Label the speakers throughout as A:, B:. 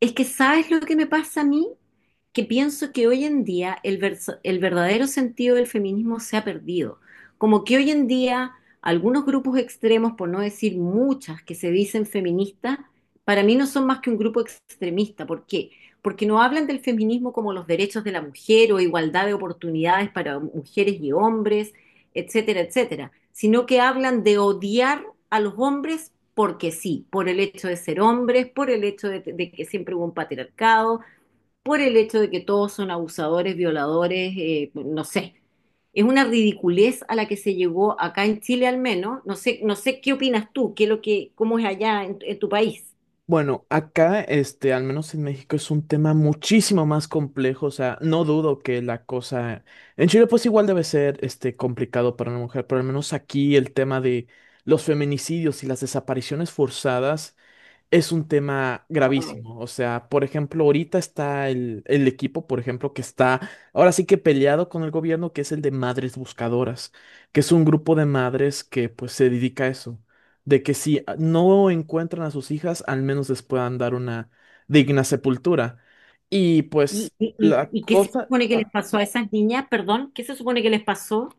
A: Es que, ¿sabes lo que me pasa a mí? Que pienso que hoy en día el verdadero sentido del feminismo se ha perdido. Como que hoy en día algunos grupos extremos, por no decir muchas, que se dicen feministas, para mí no son más que un grupo extremista. ¿Por qué? Porque no hablan del feminismo como los derechos de la mujer o igualdad de oportunidades para mujeres y hombres, etcétera, etcétera, sino que hablan de odiar a los hombres porque sí, por el hecho de ser hombres, por el hecho de que siempre hubo un patriarcado, por el hecho de que todos son abusadores, violadores, no sé. Es una ridiculez a la que se llegó acá en Chile, al menos. No sé, no sé qué opinas tú, qué es lo que, cómo es allá en tu país.
B: Bueno, acá, al menos en México, es un tema muchísimo más complejo. O sea, no dudo que la cosa. En Chile, pues igual debe ser, complicado para una mujer, pero al menos aquí el tema de los feminicidios y las desapariciones forzadas es un tema gravísimo. O sea, por ejemplo, ahorita está el equipo, por ejemplo, que está ahora sí que peleado con el gobierno, que es el de Madres Buscadoras, que es un grupo de madres que pues se dedica a eso, de que si no encuentran a sus hijas, al menos les puedan dar una digna sepultura. Y
A: ¿Y,
B: pues
A: y, y-
B: la
A: y qué se
B: cosa...
A: supone que les pasó a esas niñas? Perdón, ¿qué se supone que les pasó?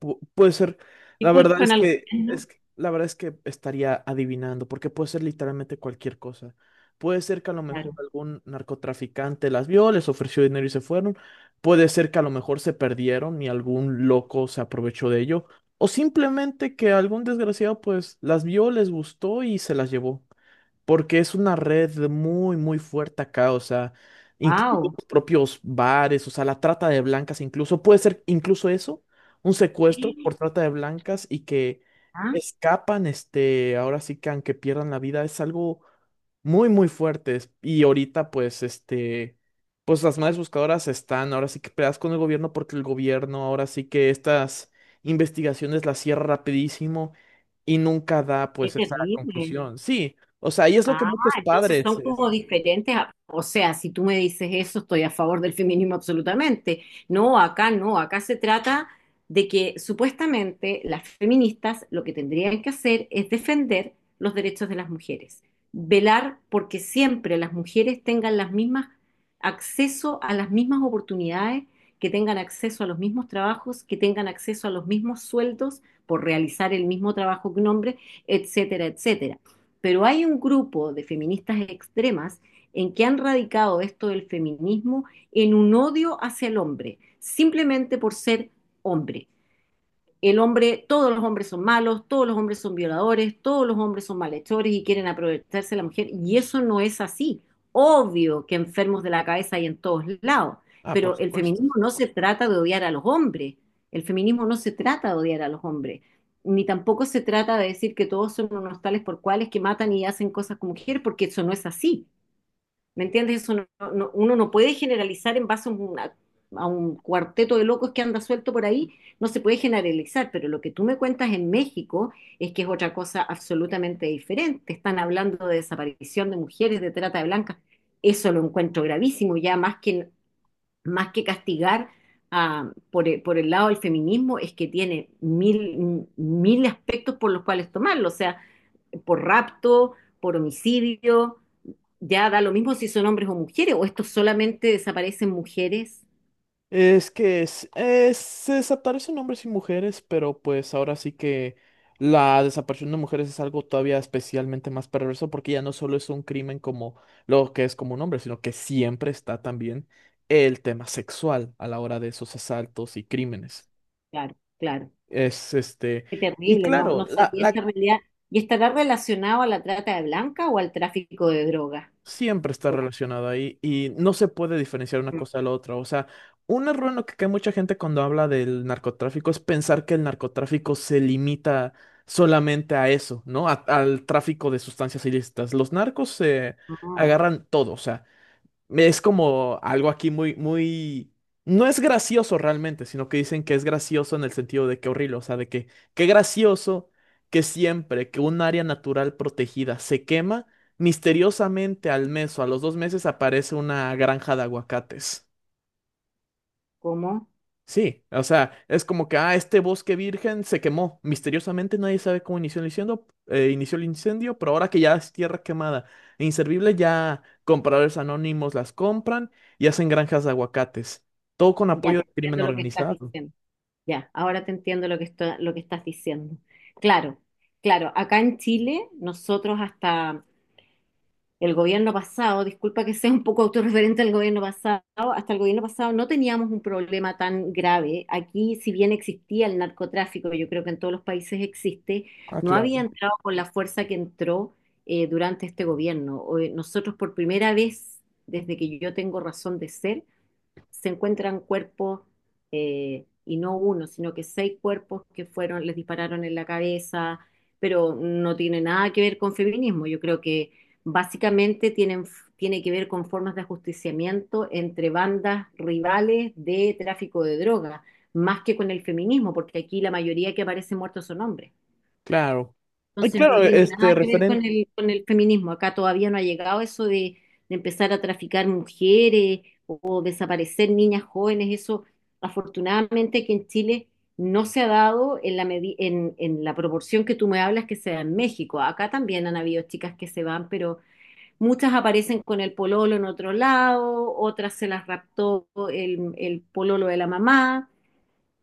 B: Puede ser,
A: ¿Qué
B: la verdad
A: culpa
B: es
A: en algo?
B: que, la verdad es que estaría adivinando, porque puede ser literalmente cualquier cosa. Puede ser que a lo mejor
A: Claro.
B: algún narcotraficante las vio, les ofreció dinero y se fueron. Puede ser que a lo mejor se perdieron y algún loco se aprovechó de ello. O simplemente que algún desgraciado pues las vio, les gustó y se las llevó porque es una red muy, muy fuerte acá, o sea, incluso
A: Wow.
B: los propios bares, o sea, la trata de blancas incluso, puede ser incluso eso, un secuestro por trata de blancas y que
A: Ah,
B: escapan, ahora sí que aunque pierdan la vida, es algo muy, muy fuertes. Y ahorita, pues, pues las madres buscadoras están ahora sí que peleadas con el gobierno porque el gobierno ahora sí que estas investigaciones las cierra rapidísimo y nunca da,
A: qué
B: pues, esa
A: terrible.
B: conclusión. Sí, o sea, y es lo que
A: Ah,
B: muchos
A: entonces
B: padres...
A: son como diferentes. O sea, si tú me dices eso, estoy a favor del feminismo absolutamente. No, acá no, acá se trata de que supuestamente las feministas lo que tendrían que hacer es defender los derechos de las mujeres, velar porque siempre las mujeres tengan las mismas, acceso a las mismas oportunidades, que tengan acceso a los mismos trabajos, que tengan acceso a los mismos sueldos por realizar el mismo trabajo que un hombre, etcétera, etcétera. Pero hay un grupo de feministas extremas en que han radicado esto del feminismo en un odio hacia el hombre, simplemente por ser hombre, el hombre, todos los hombres son malos, todos los hombres son violadores, todos los hombres son malhechores y quieren aprovecharse de la mujer. Y eso no es así. Obvio que enfermos de la cabeza hay en todos lados,
B: Ah, por
A: pero el
B: supuesto.
A: feminismo no se trata de odiar a los hombres. El feminismo no se trata de odiar a los hombres, ni tampoco se trata de decir que todos son unos tales por cuales que matan y hacen cosas con mujeres, porque eso no es así. ¿Me entiendes? Eso uno no puede generalizar en base a un cuarteto de locos que anda suelto por ahí, no se puede generalizar, pero lo que tú me cuentas en México es que es otra cosa absolutamente diferente. Están hablando de desaparición de mujeres, de trata de blancas. Eso lo encuentro gravísimo, ya más que castigar, por el lado del feminismo, es que tiene mil, mil aspectos por los cuales tomarlo, o sea, por rapto, por homicidio, ya da lo mismo si son hombres o mujeres, o esto solamente desaparecen mujeres.
B: Es que es, se desaparecen hombres y mujeres, pero pues ahora sí que la desaparición de mujeres es algo todavía especialmente más perverso porque ya no solo es un crimen como lo que es como un hombre, sino que siempre está también el tema sexual a la hora de esos asaltos y crímenes.
A: Claro, claro.
B: Es
A: Qué
B: y
A: terrible, no,
B: claro,
A: no
B: la,
A: sabía
B: la
A: esta realidad. ¿Y estará relacionado a la trata de blanca o al tráfico de drogas?
B: siempre está relacionado ahí y no se puede diferenciar una cosa de la otra. O sea, un error en lo que cae mucha gente cuando habla del narcotráfico es pensar que el narcotráfico se limita solamente a eso, ¿no? Al tráfico de sustancias ilícitas. Los narcos se
A: No,
B: agarran todo, o sea, es como algo aquí muy, muy... No es gracioso realmente, sino que dicen que es gracioso en el sentido de que horrible, o sea, de que qué gracioso que siempre que un área natural protegida se quema, misteriosamente al mes o a los dos meses aparece una granja de aguacates.
A: ¿cómo?
B: Sí, o sea, es como que, ah, este bosque virgen se quemó. Misteriosamente nadie sabe cómo inició el incendio, pero ahora que ya es tierra quemada e inservible, ya compradores anónimos las compran y hacen granjas de aguacates. Todo con
A: Ya
B: apoyo
A: te
B: del crimen
A: entiendo lo que estás
B: organizado.
A: diciendo. Ya, ahora te entiendo lo que estás diciendo. Claro, claro. Acá en Chile, nosotros hasta El gobierno pasado, disculpa que sea un poco autorreferente al gobierno pasado, hasta el gobierno pasado no teníamos un problema tan grave. Aquí, si bien existía el narcotráfico, yo creo que en todos los países existe,
B: Ah,
A: no había
B: claro,
A: entrado con la fuerza que entró durante este gobierno. Hoy nosotros por primera vez, desde que yo tengo razón de ser, se encuentran cuerpos, y no uno, sino que seis cuerpos que fueron, les dispararon en la cabeza, pero no tiene nada que ver con feminismo. Yo creo que básicamente tiene que ver con formas de ajusticiamiento entre bandas rivales de tráfico de drogas, más que con el feminismo, porque aquí la mayoría que aparece muertos son hombres.
B: claro. Y
A: Entonces no
B: claro,
A: tiene
B: este
A: nada que ver
B: referente.
A: con el feminismo. Acá todavía no ha llegado eso de empezar a traficar mujeres o desaparecer niñas jóvenes. Eso, afortunadamente, que en Chile no se ha dado en la proporción que tú me hablas que se da en México. Acá también han habido chicas que se van, pero muchas aparecen con el pololo en otro lado, otras se las raptó el pololo de la mamá.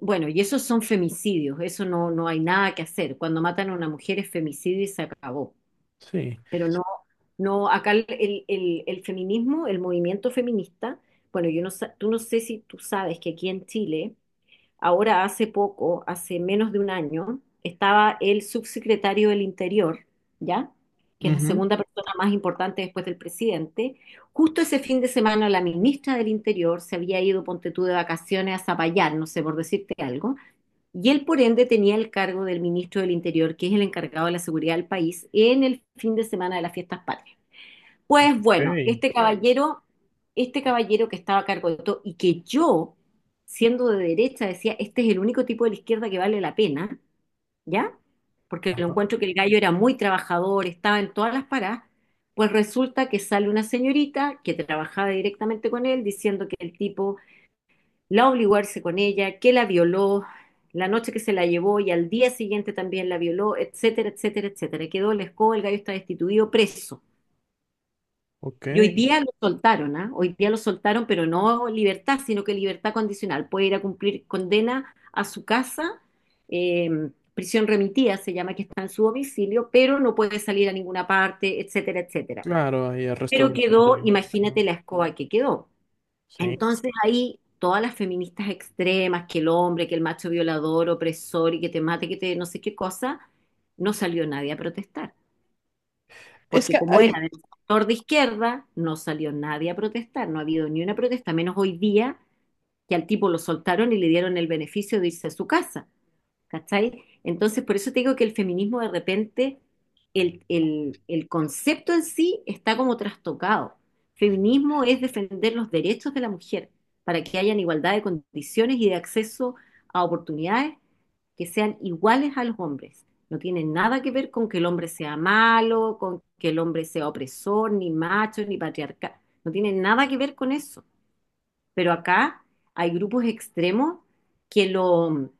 A: Bueno, y esos son femicidios, eso no, no hay nada que hacer. Cuando matan a una mujer es femicidio y se acabó.
B: Sí.
A: Pero no, no, acá el feminismo, el movimiento feminista, bueno, yo no, sa- tú no sé si tú sabes que aquí en Chile, ahora hace poco, hace menos de un año, estaba el subsecretario del Interior, ¿ya? Que es la
B: Ujú.
A: segunda persona más importante después del presidente. Justo ese fin de semana la ministra del Interior se había ido, ponte tú, de vacaciones a Zapallar, no sé, por decirte algo, y él, por ende, tenía el cargo del ministro del Interior, que es el encargado de la seguridad del país, en el fin de semana de las fiestas patrias.
B: Ok.
A: Pues bueno, este caballero que estaba a cargo de todo y que yo, siendo de derecha, decía, este es el único tipo de la izquierda que vale la pena, ¿ya? Porque lo
B: Ajá.
A: encuentro que el gallo era muy trabajador, estaba en todas las paradas. Pues resulta que sale una señorita que trabajaba directamente con él diciendo que el tipo la obligó a irse con ella, que la violó, la noche que se la llevó y al día siguiente también la violó, etcétera, etcétera, etcétera. Quedó el escoba, el gallo está destituido, preso.
B: Ok,
A: Y hoy día lo soltaron, ¿ah? Hoy día lo soltaron, pero no libertad, sino que libertad condicional. Puede ir a cumplir condena a su casa, eh, prisión remitida se llama, que está en su domicilio, pero no puede salir a ninguna parte, etcétera, etcétera.
B: claro, hay arresto
A: Pero quedó,
B: domiciliario. Ajá,
A: imagínate la escoba que quedó.
B: sí.
A: Entonces ahí todas las feministas extremas, que el hombre, que el macho violador, opresor y que te mate, que te no sé qué cosa, no salió nadie a protestar.
B: Es
A: Porque
B: que
A: como era
B: hay.
A: del sector de izquierda, no salió nadie a protestar, no ha habido ni una protesta, menos hoy día que al tipo lo soltaron y le dieron el beneficio de irse a su casa. ¿Cachai? Entonces, por eso te digo que el feminismo de repente, el concepto en sí está como trastocado. Feminismo es defender los derechos de la mujer para que hayan igualdad de condiciones y de acceso a oportunidades que sean iguales a los hombres. No tiene nada que ver con que el hombre sea malo, con que el hombre sea opresor, ni macho, ni patriarcal. No tiene nada que ver con eso. Pero acá hay grupos extremos que lo,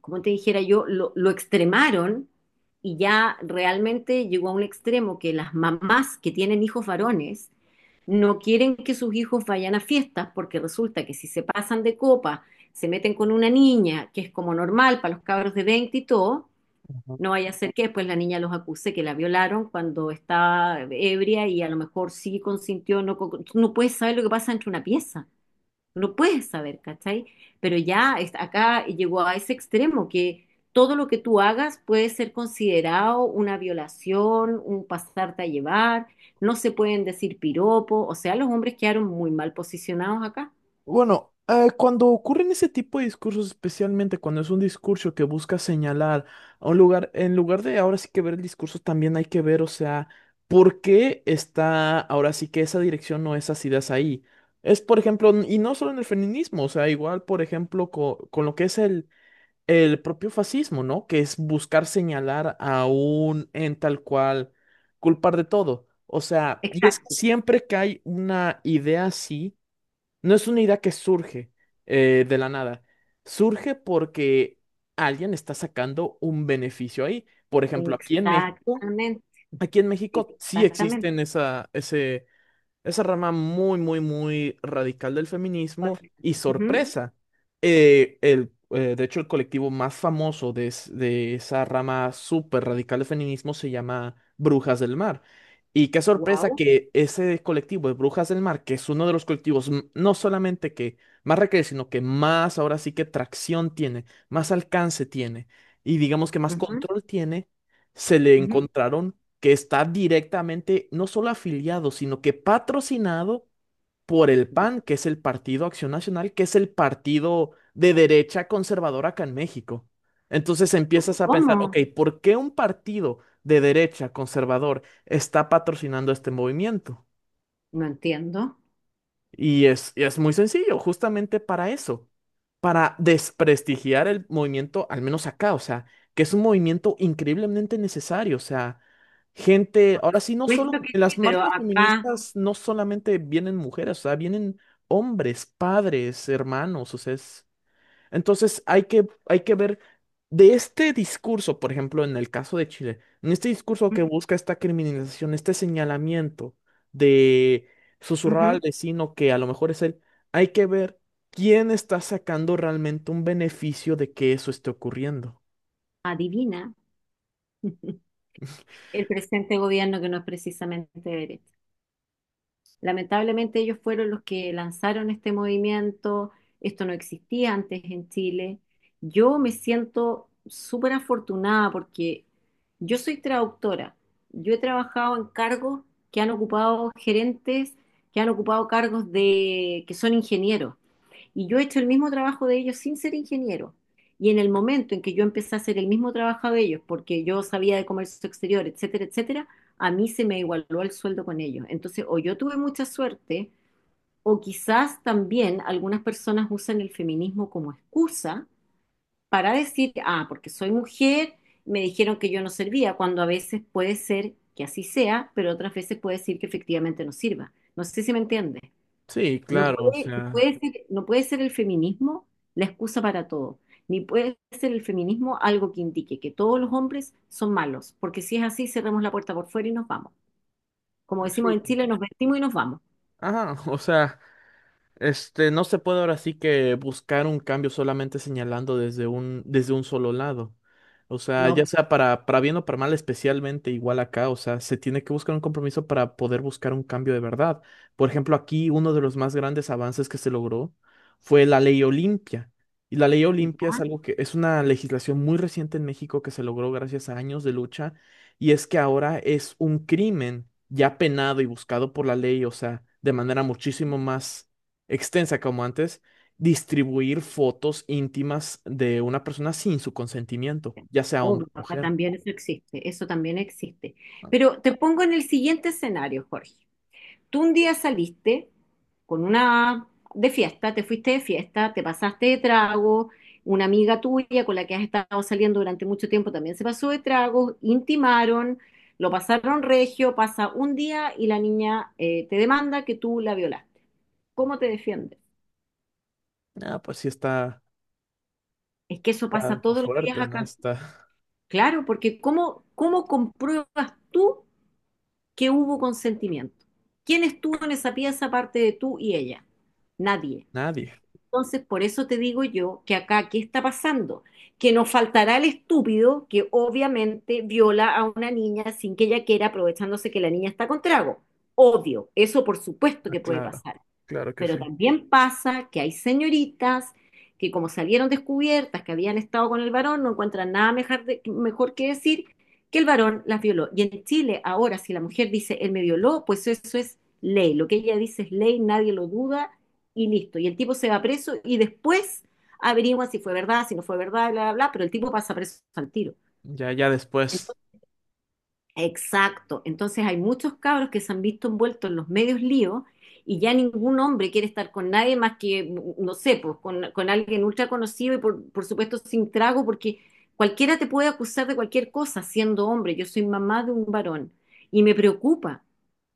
A: como te dijera yo, lo extremaron y ya realmente llegó a un extremo que las mamás que tienen hijos varones no quieren que sus hijos vayan a fiestas porque resulta que si se pasan de copa, se meten con una niña, que es como normal para los cabros de 20 y todo, no vaya a ser que después la niña los acuse que la violaron cuando estaba ebria y a lo mejor sí consintió, no, tú no puedes saber lo que pasa entre una pieza. No puedes saber, ¿cachai? Pero ya acá llegó a ese extremo que todo lo que tú hagas puede ser considerado una violación, un pasarte a llevar, no se pueden decir piropo, o sea, los hombres quedaron muy mal posicionados acá.
B: Bueno, cuando ocurren ese tipo de discursos, especialmente cuando es un discurso que busca señalar a un lugar, en lugar de ahora sí que ver el discurso, también hay que ver, o sea, por qué está ahora sí que esa dirección o esas ideas ahí. Es, por ejemplo, y no solo en el feminismo, o sea, igual, por ejemplo, con lo que es el propio fascismo, ¿no? Que es buscar señalar a un en tal cual, culpar de todo. O sea, y es que
A: Exacto,
B: siempre que hay una idea así, no es una idea que surge de la nada. Surge porque alguien está sacando un beneficio ahí. Por ejemplo,
A: exactamente,
B: aquí en México sí
A: exactamente.
B: existen esa rama muy, muy, muy radical del feminismo y sorpresa. De hecho, el colectivo más famoso de, de esa rama súper radical del feminismo se llama Brujas del Mar. Y qué sorpresa
A: Wow.
B: que ese colectivo de Brujas del Mar, que es uno de los colectivos no solamente que más requiere, sino que más ahora sí que tracción tiene, más alcance tiene y digamos que más control tiene, se le encontraron que está directamente no solo afiliado, sino que patrocinado por el PAN, que es el Partido Acción Nacional, que es el partido de derecha conservadora acá en México. Entonces empiezas a pensar,
A: ¿Cómo?
B: ok, ¿por qué un partido de derecha conservador está patrocinando este movimiento?
A: No entiendo.
B: Y es muy sencillo, justamente para eso, para desprestigiar el movimiento, al menos acá, o sea, que es un movimiento increíblemente necesario, o sea, gente,
A: Por
B: ahora sí, no
A: supuesto
B: solo,
A: que
B: en las
A: sí, pero
B: marchas
A: acá,
B: feministas no solamente vienen mujeres, o sea, vienen hombres, padres, hermanos, o sea, es... Entonces hay que ver de este discurso, por ejemplo, en el caso de Chile, en este discurso que busca esta criminalización, este señalamiento de susurrar al
A: ujú,
B: vecino que a lo mejor es él, hay que ver quién está sacando realmente un beneficio de que eso esté ocurriendo.
A: adivina. El presente gobierno, que no es precisamente de derecha. Lamentablemente ellos fueron los que lanzaron este movimiento, esto no existía antes en Chile. Yo me siento súper afortunada porque yo soy traductora, yo he trabajado en cargos que han ocupado gerentes, que han ocupado cargos de que son ingenieros. Y yo he hecho el mismo trabajo de ellos sin ser ingeniero. Y en el momento en que yo empecé a hacer el mismo trabajo de ellos, porque yo sabía de comercio exterior, etcétera, etcétera, a mí se me igualó el sueldo con ellos. Entonces, o yo tuve mucha suerte, o quizás también algunas personas usan el feminismo como excusa para decir, ah, porque soy mujer, me dijeron que yo no servía, cuando a veces puede ser que así sea, pero otras veces puede decir que efectivamente no sirva. No sé si me entiendes.
B: Sí,
A: No
B: claro, o
A: puede, no
B: sea,
A: puede ser, no puede ser el feminismo la excusa para todo, ni puede ser el feminismo algo que indique que todos los hombres son malos, porque si es así, cerramos la puerta por fuera y nos vamos. Como decimos
B: sí.
A: en Chile, nos vestimos y nos vamos.
B: Ajá, o sea. No se puede ahora sí que buscar un cambio solamente señalando desde un solo lado. O sea,
A: No,
B: ya sea para bien o para mal, especialmente igual acá, o sea, se tiene que buscar un compromiso para poder buscar un cambio de verdad. Por ejemplo, aquí uno de los más grandes avances que se logró fue la Ley Olimpia. Y la Ley Olimpia es algo que es una legislación muy reciente en México que se logró gracias a años de lucha y es que ahora es un crimen ya penado y buscado por la ley, o sea, de manera muchísimo más extensa como antes, distribuir fotos íntimas de una persona sin su consentimiento, ya sea hombre
A: obvio,
B: o
A: acá
B: mujer.
A: también eso existe, eso también existe. Pero te pongo en el siguiente escenario, Jorge. Tú un día saliste con una de fiesta, te fuiste de fiesta, te pasaste de trago, una amiga tuya con la que has estado saliendo durante mucho tiempo también se pasó de trago, intimaron, lo pasaron regio, pasa un día y la niña te demanda que tú la violaste. ¿Cómo te defiendes?
B: Ah, pues sí está,
A: Es que eso pasa
B: está
A: todos los días
B: fuerte, ¿no?
A: acá.
B: Está
A: Claro, ¿porque cómo, cómo compruebas tú que hubo consentimiento? ¿Quién estuvo en esa pieza aparte de tú y ella? Nadie.
B: nadie.
A: Entonces, por eso te digo yo que acá, ¿qué está pasando? Que nos faltará el estúpido que obviamente viola a una niña sin que ella quiera, aprovechándose que la niña está con trago. Obvio, eso por supuesto
B: Ah,
A: que puede
B: claro,
A: pasar.
B: claro que
A: Pero
B: sí.
A: también pasa que hay señoritas que como salieron descubiertas que habían estado con el varón, no encuentran nada mejor, mejor que decir que el varón las violó. Y en Chile ahora si la mujer dice, él me violó, pues eso es ley. Lo que ella dice es ley, nadie lo duda y listo. Y el tipo se va preso y después averigua si fue verdad, si no fue verdad, bla, bla, bla, pero el tipo pasa preso al tiro.
B: Ya, ya después.
A: Exacto. Entonces hay muchos cabros que se han visto envueltos en los medios líos y ya ningún hombre quiere estar con nadie más que, no sé, pues con alguien ultra conocido y por supuesto sin trago, porque cualquiera te puede acusar de cualquier cosa siendo hombre. Yo soy mamá de un varón y me preocupa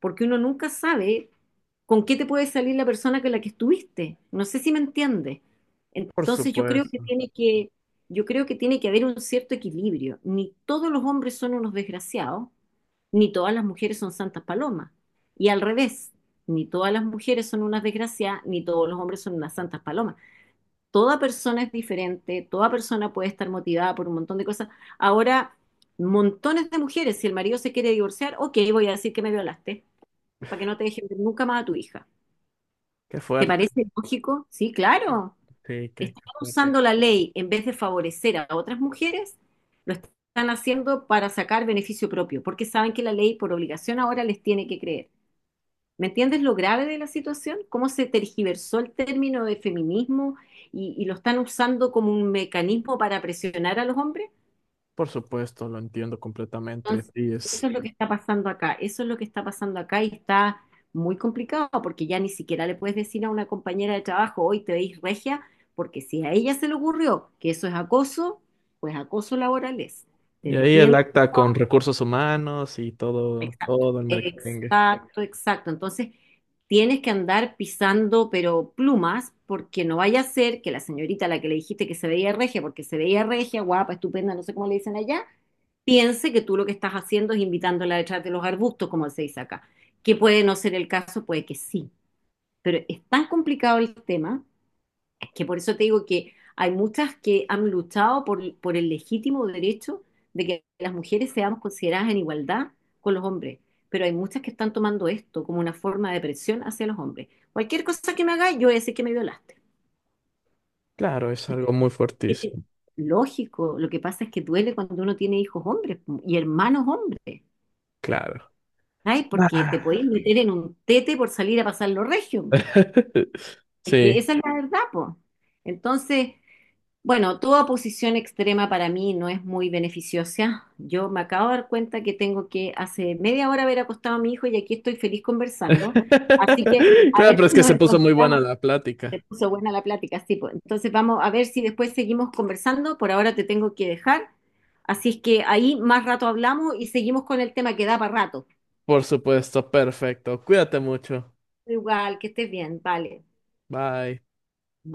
A: porque uno nunca sabe con qué te puede salir la persona con la que estuviste. No sé si me entiendes.
B: Por
A: Entonces yo creo que
B: supuesto.
A: tiene que, yo creo que tiene que haber un cierto equilibrio. Ni todos los hombres son unos desgraciados, ni todas las mujeres son santas palomas. Y al revés, ni todas las mujeres son unas desgraciadas, ni todos los hombres son unas santas palomas. Toda persona es diferente, toda persona puede estar motivada por un montón de cosas. Ahora, montones de mujeres, si el marido se quiere divorciar, ok, voy a decir que me violaste, para que no te dejen ver nunca más a tu hija.
B: Qué
A: ¿Te
B: fuerte.
A: parece lógico? Sí, claro.
B: Sí, qué,
A: Están
B: qué fuerte.
A: usando la ley en vez de favorecer a otras mujeres, lo están haciendo para sacar beneficio propio, porque saben que la ley por obligación ahora les tiene que creer. ¿Me entiendes lo grave de la situación? ¿Cómo se tergiversó el término de feminismo y lo están usando como un mecanismo para presionar a los hombres?
B: Por supuesto, lo entiendo completamente.
A: Entonces,
B: Sí,
A: eso
B: es.
A: es lo que está pasando acá, eso es lo que está pasando acá y está muy complicado porque ya ni siquiera le puedes decir a una compañera de trabajo, hoy te veis regia, porque si a ella se le ocurrió que eso es acoso, pues acoso laboral es. Te
B: Y ahí el
A: despiden.
B: acta con recursos humanos y todo,
A: Exacto,
B: todo el merengue.
A: exacto, exacto. Entonces, tienes que andar pisando, pero plumas, porque no vaya a ser que la señorita a la que le dijiste que se veía regia, porque se veía regia, guapa, estupenda, no sé cómo le dicen allá, piense que tú lo que estás haciendo es invitándola detrás de los arbustos, como se dice acá. Que puede no ser el caso, puede que sí. Pero es tan complicado el tema es que por eso te digo que hay muchas que han luchado por el legítimo derecho de que las mujeres seamos consideradas en igualdad con los hombres. Pero hay muchas que están tomando esto como una forma de presión hacia los hombres. Cualquier cosa que me hagas yo voy a decir que me violaste.
B: Claro, es algo muy fuertísimo.
A: Lógico, lo que pasa es que duele cuando uno tiene hijos hombres y hermanos hombres.
B: Claro.
A: Ay, porque te podéis meter en un tete por salir a pasar los regios. Es que
B: Sí.
A: esa es la verdad, po. Entonces, bueno, toda posición extrema para mí no es muy beneficiosa. Yo me acabo de dar cuenta que tengo que hace 1/2 hora haber acostado a mi hijo y aquí estoy feliz conversando. Así que a
B: Claro,
A: ver
B: pero es
A: si
B: que
A: nos
B: se puso muy buena
A: encontramos.
B: la
A: Se
B: plática.
A: puso buena la plática, sí, po. Entonces vamos a ver si después seguimos conversando. Por ahora te tengo que dejar. Así es que ahí más rato hablamos y seguimos con el tema que da para rato.
B: Por supuesto, perfecto. Cuídate mucho.
A: Igual, que estés bien, vale.
B: Bye.